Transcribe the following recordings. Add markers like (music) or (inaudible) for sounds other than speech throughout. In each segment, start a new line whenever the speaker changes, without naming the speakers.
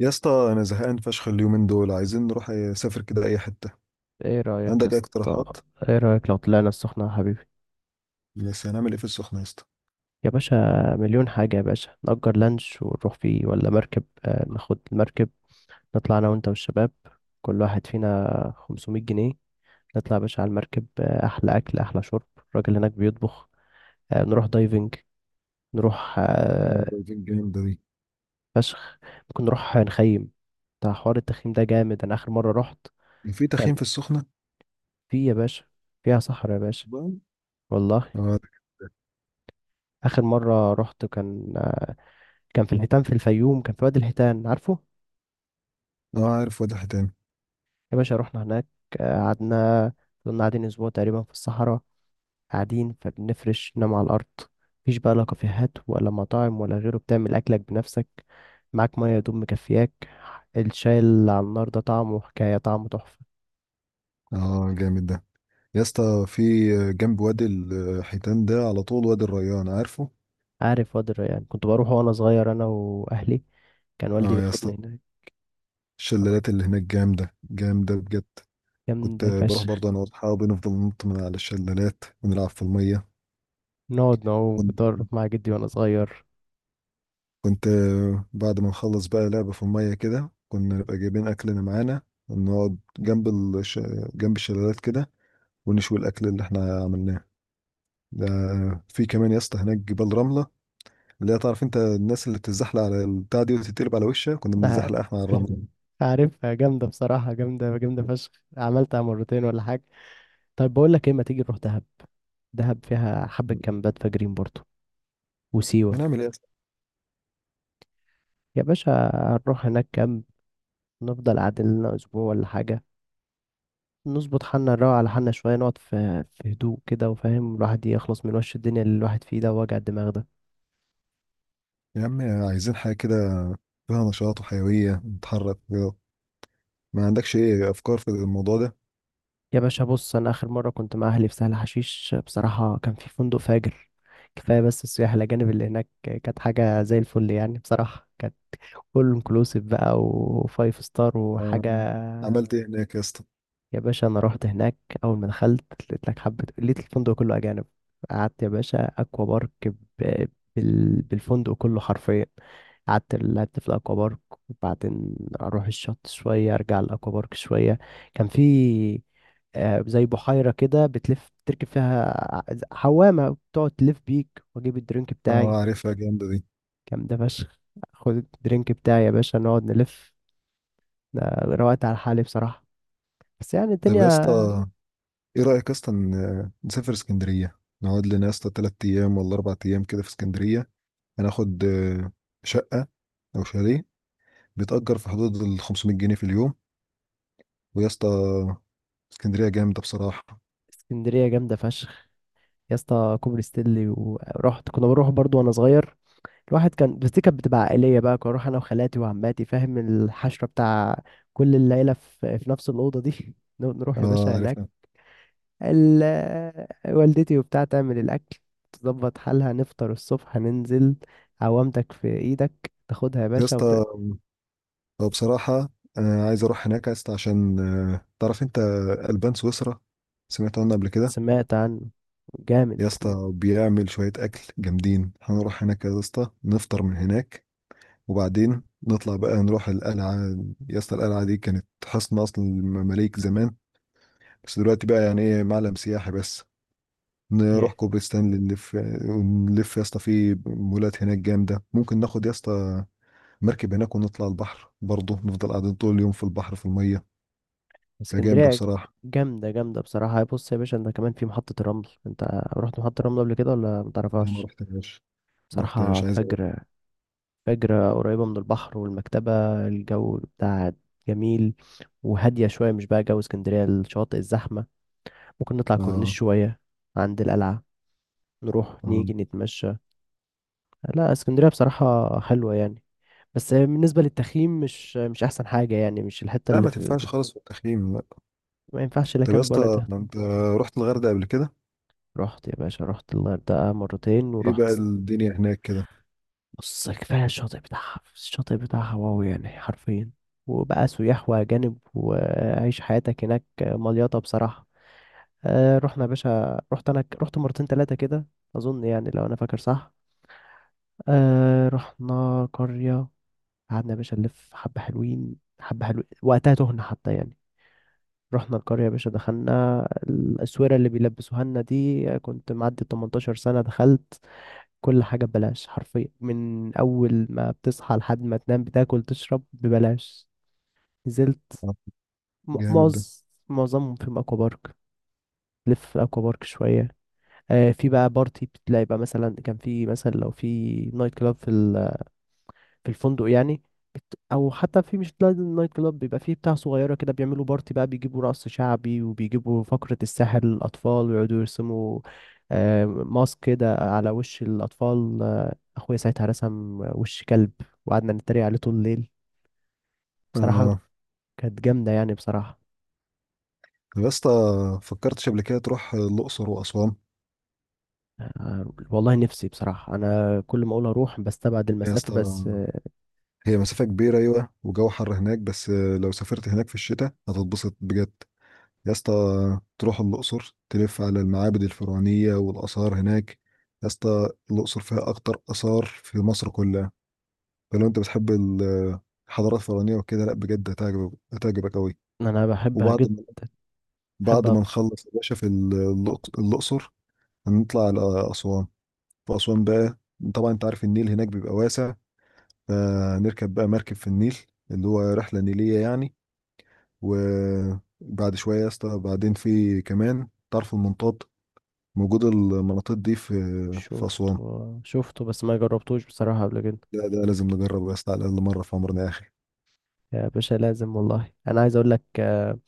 يا اسطى انا زهقان فشخ اليومين دول عايزين نروح نسافر كده اي حته.
ايه رأيك يا
عندك اي
اسطى.
اقتراحات؟
ايه رأيك لو طلعنا السخنة يا حبيبي؟
بس هنعمل ايه في السخنه يا اسطى؟
يا باشا، مليون حاجة يا باشا، نأجر لانش ونروح فيه ولا مركب. آه ناخد المركب، نطلع انا وانت والشباب، كل واحد فينا 500 جنيه. نطلع يا باشا على المركب، احلى اكل احلى شرب، الراجل هناك بيطبخ. نروح دايفنج، نروح
اه، ده الفيب جامد دي.
فشخ. ممكن نروح نخيم، بتاع حوار التخييم ده جامد. انا اخر مرة رحت
في
كان
تخييم في السخنه
في يا باشا، فيها صحراء يا باشا،
بقى؟
والله.
اه.
اخر مرة رحت كان كان في الحيتان في الفيوم، كان في وادي الحيتان، عارفه؟
اه، عارف وادي حيتان.
يا باشا رحنا هناك. قعدنا، كنا قاعدين اسبوع تقريبا في الصحراء، قاعدين فبنفرش نام على الارض، مفيش بقى لا كافيهات ولا مطاعم ولا غيره، بتعمل اكلك بنفسك، معاك ميه يا دوب مكفياك. الشاي اللي على النار ده طعمه حكايه، طعمه تحفه.
اه جامد ده. يا اسطى، في جنب وادي الحيتان ده على طول وادي الريان عارفه؟
عارف وادي الريان، كنت بروح وانا صغير انا واهلي، كان والدي
اه يا اسطى،
بياخدني هناك.
الشلالات اللي هناك جامده جامده بجد. كنت
جامدة
بروح
فشخ،
برضه انا واصحابي نفضل ننط من على الشلالات ونلعب في الميه.
نقعد نعوم، كنت أروح مع جدي وأنا صغير.
كنت بعد ما نخلص بقى لعبة في المية كده كنا نبقى جايبين أكلنا معانا نقعد جنب الش... جنب الشلالات كده ونشوي الأكل اللي احنا عملناه ده. في كمان يا اسطى هناك جبال رملة، اللي هي تعرف انت الناس اللي بتتزحلق على البتاع دي وتتقلب على وشها، كنا
ده
بنتزحلق
عارف.
احنا على الرملة.
عارفها جامدة بصراحة، جامدة جامدة فشخ، عملتها مرتين ولا حاجة. طيب بقول لك ايه، ما تيجي نروح دهب، دهب فيها حبة كامبات فجرين برضو، وسيوة.
هنعمل ايه يا اسطى؟
يا باشا هنروح هناك كامب، نفضل قاعدين لنا أسبوع ولا حاجة، نظبط حالنا، نروق على حالنا شوية، نقعد في هدوء كده، وفاهم، الواحد يخلص من وش الدنيا اللي الواحد فيه ده، ووجع الدماغ ده.
يا عم، عايزين حاجة كده فيها نشاط وحيوية نتحرك كده. ما عندكش ايه أفكار في الموضوع ده؟
يا باشا بص، أنا آخر مرة كنت مع أهلي في سهل حشيش، بصراحة كان في فندق فاجر، كفاية بس السياح الأجانب اللي هناك، كانت حاجة زي الفل يعني، بصراحة كانت فول انكلوسيف بقى وفايف ستار
آه،
وحاجة.
عملت ايه هناك يا اسطى؟
يا باشا أنا رحت هناك، أول ما دخلت لقيت لك حبة، لقيت الفندق كله أجانب. قعدت يا باشا أكوا بارك بالفندق كله حرفيا، قعدت لعبت في الأكوا بارك، وبعدين أروح الشط شوية، أرجع الأكوا بارك شوية. كان في زي بحيرة كده بتلف، تركب فيها حوامة، بتقعد تلف بيك وأجيب الدرينك بتاعي.
اه عارفها جامدة دي.
كان ده فشخ، خد الدرينك بتاعي يا باشا، نقعد نلف ده، روقت على حالي بصراحة، بس يعني
طب يا
الدنيا.
اسطى، ايه رأيك اصلا نسافر اسكندرية؟ نقعد لنا يا اسطى تلات ايام ولا اربع ايام كده في اسكندرية. هناخد شقة او شاليه بيتأجر في حدود ال 500 جنيه في اليوم. ويا اسطى، اسكندرية جامدة بصراحة.
اسكندرية جامدة فشخ، يا اسطى كوبري ستانلي، ورحت، كنا بنروح برضو وانا صغير. الواحد كان، بس دي كانت بتبقى عائلية بقى، كنت اروح انا وخالاتي وعماتي، فاهم الحشرة بتاع، كل العيلة في نفس الأوضة دي (laughs) نقعد نروح يا
اه
باشا هناك،
عارفها.
ال... والدتي وبتاع تعمل الأكل، تظبط حالها، نفطر الصبح، هننزل، عوامتك في ايدك تاخدها يا
يا
باشا
اسطى بصراحة انا عايز اروح هناك يا اسطى، عشان تعرف انت البان سويسرا، سمعت عنه قبل كده.
سمعت عنه. جامد.
يا اسطى بيعمل شوية اكل جامدين، هنروح هناك يا اسطى نفطر من هناك، وبعدين نطلع بقى نروح القلعة. يا اسطى القلعة دي كانت حصن أصل المماليك زمان، بس دلوقتي بقى يعني إيه معلم سياحي بس. نروح كوبري ستانلي نلف، ونلف يا اسطى في مولات هناك جامدة. ممكن ناخد يا اسطى مركب هناك ونطلع البحر برضه، نفضل قاعدين طول اليوم في البحر في المية. ده جامدة
اسكندرية
بصراحة.
جامدة، جامدة بصراحة. بص يا باشا انت كمان في محطة الرمل، انت رحت محطة الرمل قبل كده ولا
لا ما
متعرفهاش؟
رحتهاش. ما
بصراحة
رحتهاش عايز أروح.
فجر، فجر، قريبة من البحر والمكتبة، الجو بتاع جميل، وهادية شوية، مش بقى جو اسكندرية الشواطئ الزحمة، ممكن نطلع كورنيش
آه.
شوية عند القلعة، نروح
آه.
نيجي نتمشى. لا اسكندرية بصراحة حلوة يعني، بس بالنسبة للتخييم مش أحسن حاجة يعني، مش الحتة
لا،
اللي
ما
في.
تنفعش خالص في التخييم، لا.
ما ينفعش لا
طب يا
كامب ولا
اسطى،
تخييم.
انت رحت الغردقة قبل كده؟
رحت يا باشا، رحت الغردقة مرتين
ايه
ورحت.
بقى الدنيا هناك كده؟
بص كفاية الشاطئ بتاعها، الشاطئ بتاعها واو يعني حرفيا، وبقى سياح وأجانب، وعيش حياتك هناك مليطة بصراحة. آه رحنا يا باشا، رحت أنا رحت مرتين تلاتة كده أظن يعني، لو أنا فاكر صح. آه رحنا قرية، قعدنا يا باشا نلف، حبة حلوين حبة حلوين وقتها، تهنا حتى يعني. رحنا القرية يا باشا، دخلنا، الأسورة اللي بيلبسوها لنا دي، كنت معدي 18 سنة، دخلت كل حاجة ببلاش حرفيا، من أول ما بتصحى لحد ما تنام بتاكل تشرب ببلاش. نزلت
آه،
م-
جامد ده.
معظ معظمهم في أكوا بارك، لف في أكوا بارك شوية. في بقى بارتي، بتلاقي بقى مثلا، كان في مثلا لو في نايت كلاب في في الفندق يعني، او حتى، في مش لازم نايت كلاب، بيبقى فيه بتاع صغيره كده، بيعملوا بارتي بقى، بيجيبوا رقص شعبي، وبيجيبوا فقره السحر للاطفال، ويقعدوا يرسموا ماسك كده على وش الأطفال. اخويا ساعتها رسم وش كلب، وقعدنا نتريق عليه طول الليل بصراحة.
اه.
كانت جامدة يعني بصراحة.
طب يا اسطى، فكرتش قبل كده تروح الأقصر وأسوان؟
والله نفسي بصراحة، انا كل ما اقول اروح بستبعد
يا
المسافة،
اسطى،
بس آه،.
هي مسافة كبيرة أيوة وجو حر هناك، بس لو سافرت هناك في الشتاء هتتبسط بجد. يا اسطى تروح الأقصر تلف على المعابد الفرعونية والآثار هناك. يا اسطى الأقصر فيها أكتر آثار في مصر كلها. فلو أنت بتحب الحضارات الفرعونية وكده، لأ بجد هتعجبك هتعجبك أوي.
انا بحبها
وبعد
جدا،
ما بعد
بحبها.
ما نخلص يا باشا في الأقصر، هنطلع على أسوان. في أسوان بقى، طبعا أنت عارف النيل هناك بيبقى واسع. نركب بقى مركب في النيل، اللي هو رحلة نيلية يعني. وبعد شوية يا اسطى بعدين في كمان طرف المنطاد موجود، المناطيد دي في
شفته
أسوان.
شفته، بس ما جربتوش بصراحة قبل كده.
لا ده لازم نجربه يا اسطى، على الأقل مرة في عمرنا يا أخي.
يا باشا لازم والله، انا عايز اقول لك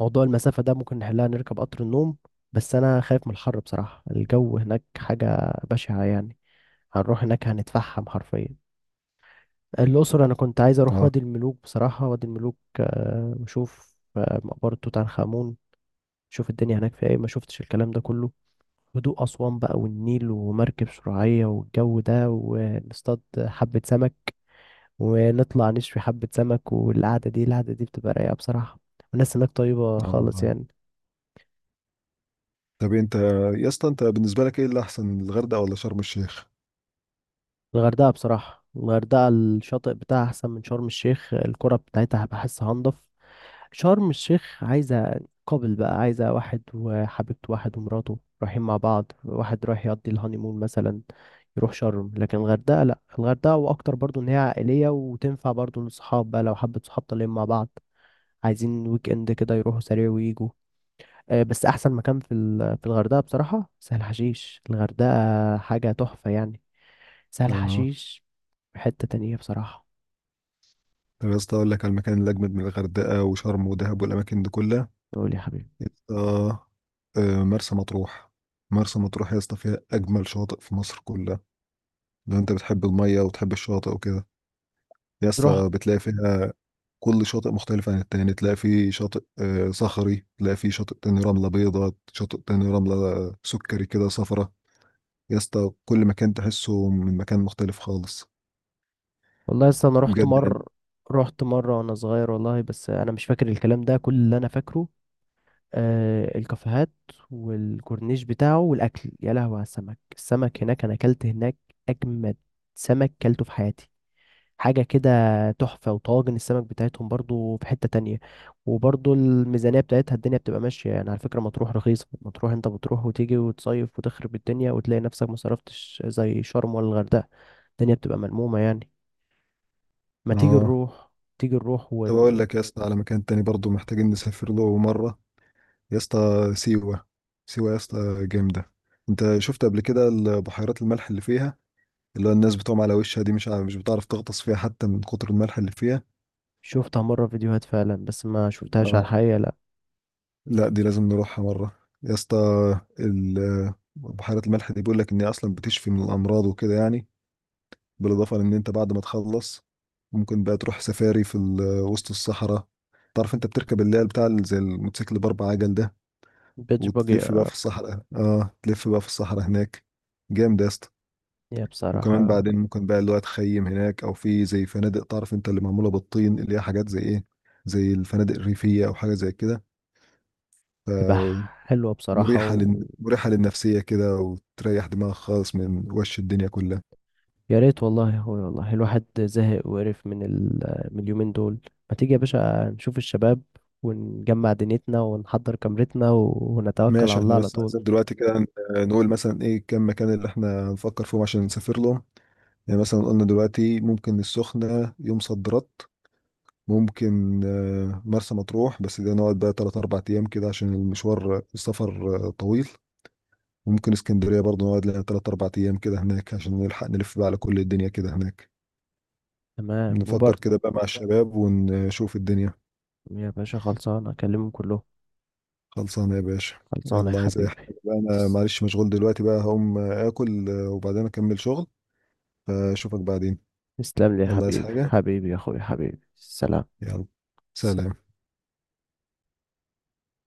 موضوع المسافة ده ممكن نحلها، نركب قطر النوم، بس انا خايف من الحر بصراحة، الجو هناك حاجة بشعة يعني، هنروح هناك هنتفحم حرفيا. الأقصر أنا كنت عايز أروح
اه.
وادي الملوك بصراحة، وادي الملوك وأشوف مقبرة توت عنخ آمون، أشوف الدنيا هناك فيها إيه، ما شفتش الكلام ده كله. هدوء أسوان بقى، والنيل ومركب شراعية والجو ده، ونصطاد حبة سمك، ونطلع نشوي حبة سمك، والقعدة دي، القعدة دي بتبقى رايقة بصراحة، والناس هناك طيبة
اه
خالص
والله.
يعني.
طب انت يا اسطى، انت بالنسبة لك ايه اللي أحسن، الغردقة ولا شرم الشيخ؟
الغردقة بصراحة، الغردقة الشاطئ بتاعها أحسن من شرم الشيخ، الكرة بتاعتها بحسها أنضف. شرم الشيخ عايزة، قابل بقى عايزة واحد وحبيبته، واحد ومراته رايحين مع بعض، واحد رايح يقضي الهانيمون مثلا، يروح شرم. لكن الغردقة لأ، الغردقة وأكتر برضو، إن هي عائلية، وتنفع برضو للصحاب بقى، لو حبة صحاب طالعين مع بعض عايزين ويك إند كده، يروحوا سريع ويجوا. بس أحسن مكان في الغردقة بصراحة سهل حشيش، الغردقة حاجة تحفة يعني. سهل
اه.
حشيش في حتة تانية بصراحة.
طب يا اسطى أقول لك على المكان اللي أجمد من الغردقة وشرم ودهب والأماكن دي كلها.
قول يا حبيبي.
يا اسطى مرسى مطروح. مرسى مطروح يا اسطى فيها أجمل شواطئ في مصر كلها. لو أنت بتحب المَيّة وتحب الشاطئ وكده، يا
رحت
اسطى بتلاقي فيها كل شاطئ مختلف عن التاني. تلاقي في شاطئ صخري، تلاقي في شاطئ تاني رملة بيضا، شاطئ تاني رملة سُكّري كده صفرا. يا اسطى كل مكان تحسّه من مكان مختلف خالص،
والله، لسه انا رحت
بجد يعني.
مر رحت مره وانا صغير والله، بس انا مش فاكر الكلام ده، كل اللي انا فاكره آه الكافيهات والكورنيش بتاعه والاكل، يا لهوي على السمك، السمك هناك، انا اكلت هناك اجمد سمك كلته في حياتي، حاجه كده تحفه، وطواجن السمك بتاعتهم برضو في حته تانية. وبرضو الميزانيه بتاعتها، الدنيا بتبقى ماشيه يعني، على فكره مطروح رخيصه، مطروح انت بتروح وتيجي وتصيف وتخرب الدنيا، وتلاقي نفسك ما صرفتش زي شرم ولا الغردقه، الدنيا بتبقى ملمومه يعني. ما تيجي
آه.
نروح، تيجي نروح
طَب أقول
ون-
لك يا اسطى على مكان تاني برضه محتاجين نسافر له مرّة. يا اسطى سيوة. سيوة يا اسطى جامدة. أنت شُفت قبل كده ال بحيرات الملح اللي فيها، اللي هو الناس بتقوم على وشها دي، مش مش بتعرف تغطس فيها حتى من كتر الملح اللي فيها؟
شفتها مرة فيديوهات فعلا، بس ما شفتهاش على
آه.
الحقيقة لا.
لأ دي لازم نروحها مرة، يا اسطى. ال بحيرة الملح دي بيقول لك إن هي أصلًا بتشفي من الأمراض وكده يعني. بالإضافة لإن أنت بعد ما تخلّص، ممكن بقى تروح سفاري في ال وسط الصحرا. تعرف أنت بتركب اللي هي البتاع ال زي الموتوسيكل ب4 عجل ده،
بيتش باجي.
وتلف بقى في الصحرا، تلف بقى في الصحرا هناك. جامد يا اسطى.
يا
وكمان
بصراحة
بعدين ممكن بقى اللي هو تخيّم هناك، أو في زي فنادق تعرف أنت اللي معمولة بالطين، اللي هي حاجات زي إيه، زي الفنادق الريفية أو حاجة زي كده. ف
تبقى حلوة بصراحة، ويا
مريحة للنفسية كده وتريح دماغك خالص من وش الدنيا كلها.
ريت والله يا اخويا، والله الواحد زهق وقرف من من اليومين دول. ما تيجي يا باشا نشوف الشباب، ونجمع دنيتنا، ونحضر كاميرتنا ونتوكل على
ماشي،
الله
احنا
على
بس
طول.
عايزين دلوقتي كده نقول مثلا ايه كم مكان اللي احنا هنفكر فيهم عشان نسافر لهم. يعني مثلا قلنا دلوقتي ممكن السخنة يوم صد رد، ممكن مرسى مطروح بس ده نقعد بقى تلات أربع أيام كده عشان المشوار السفر طويل. وممكن اسكندرية برضه نقعد لنا تلات أربع أيام كده هناك عشان نلحق نلف بقى على كل الدنيا كده هناك.
تمام
نفكر
وبر
كده بقى مع الشباب ونشوف الدنيا.
يا باشا خلصانة، أكلمهم كلهم.
خلصانة يا باشا.
خلصانة يا
يلا، عايز اي حاجة
حبيبي.
بقى؟ انا
تس...
معلش مشغول دلوقتي بقى، هقوم اكل وبعدين اكمل شغل. فاشوفك بعدين.
تسلم لي يا
يلا، عايز
حبيبي،
حاجة؟
حبيبي يا أخويا، حبيبي سلام.
يلا. سلام.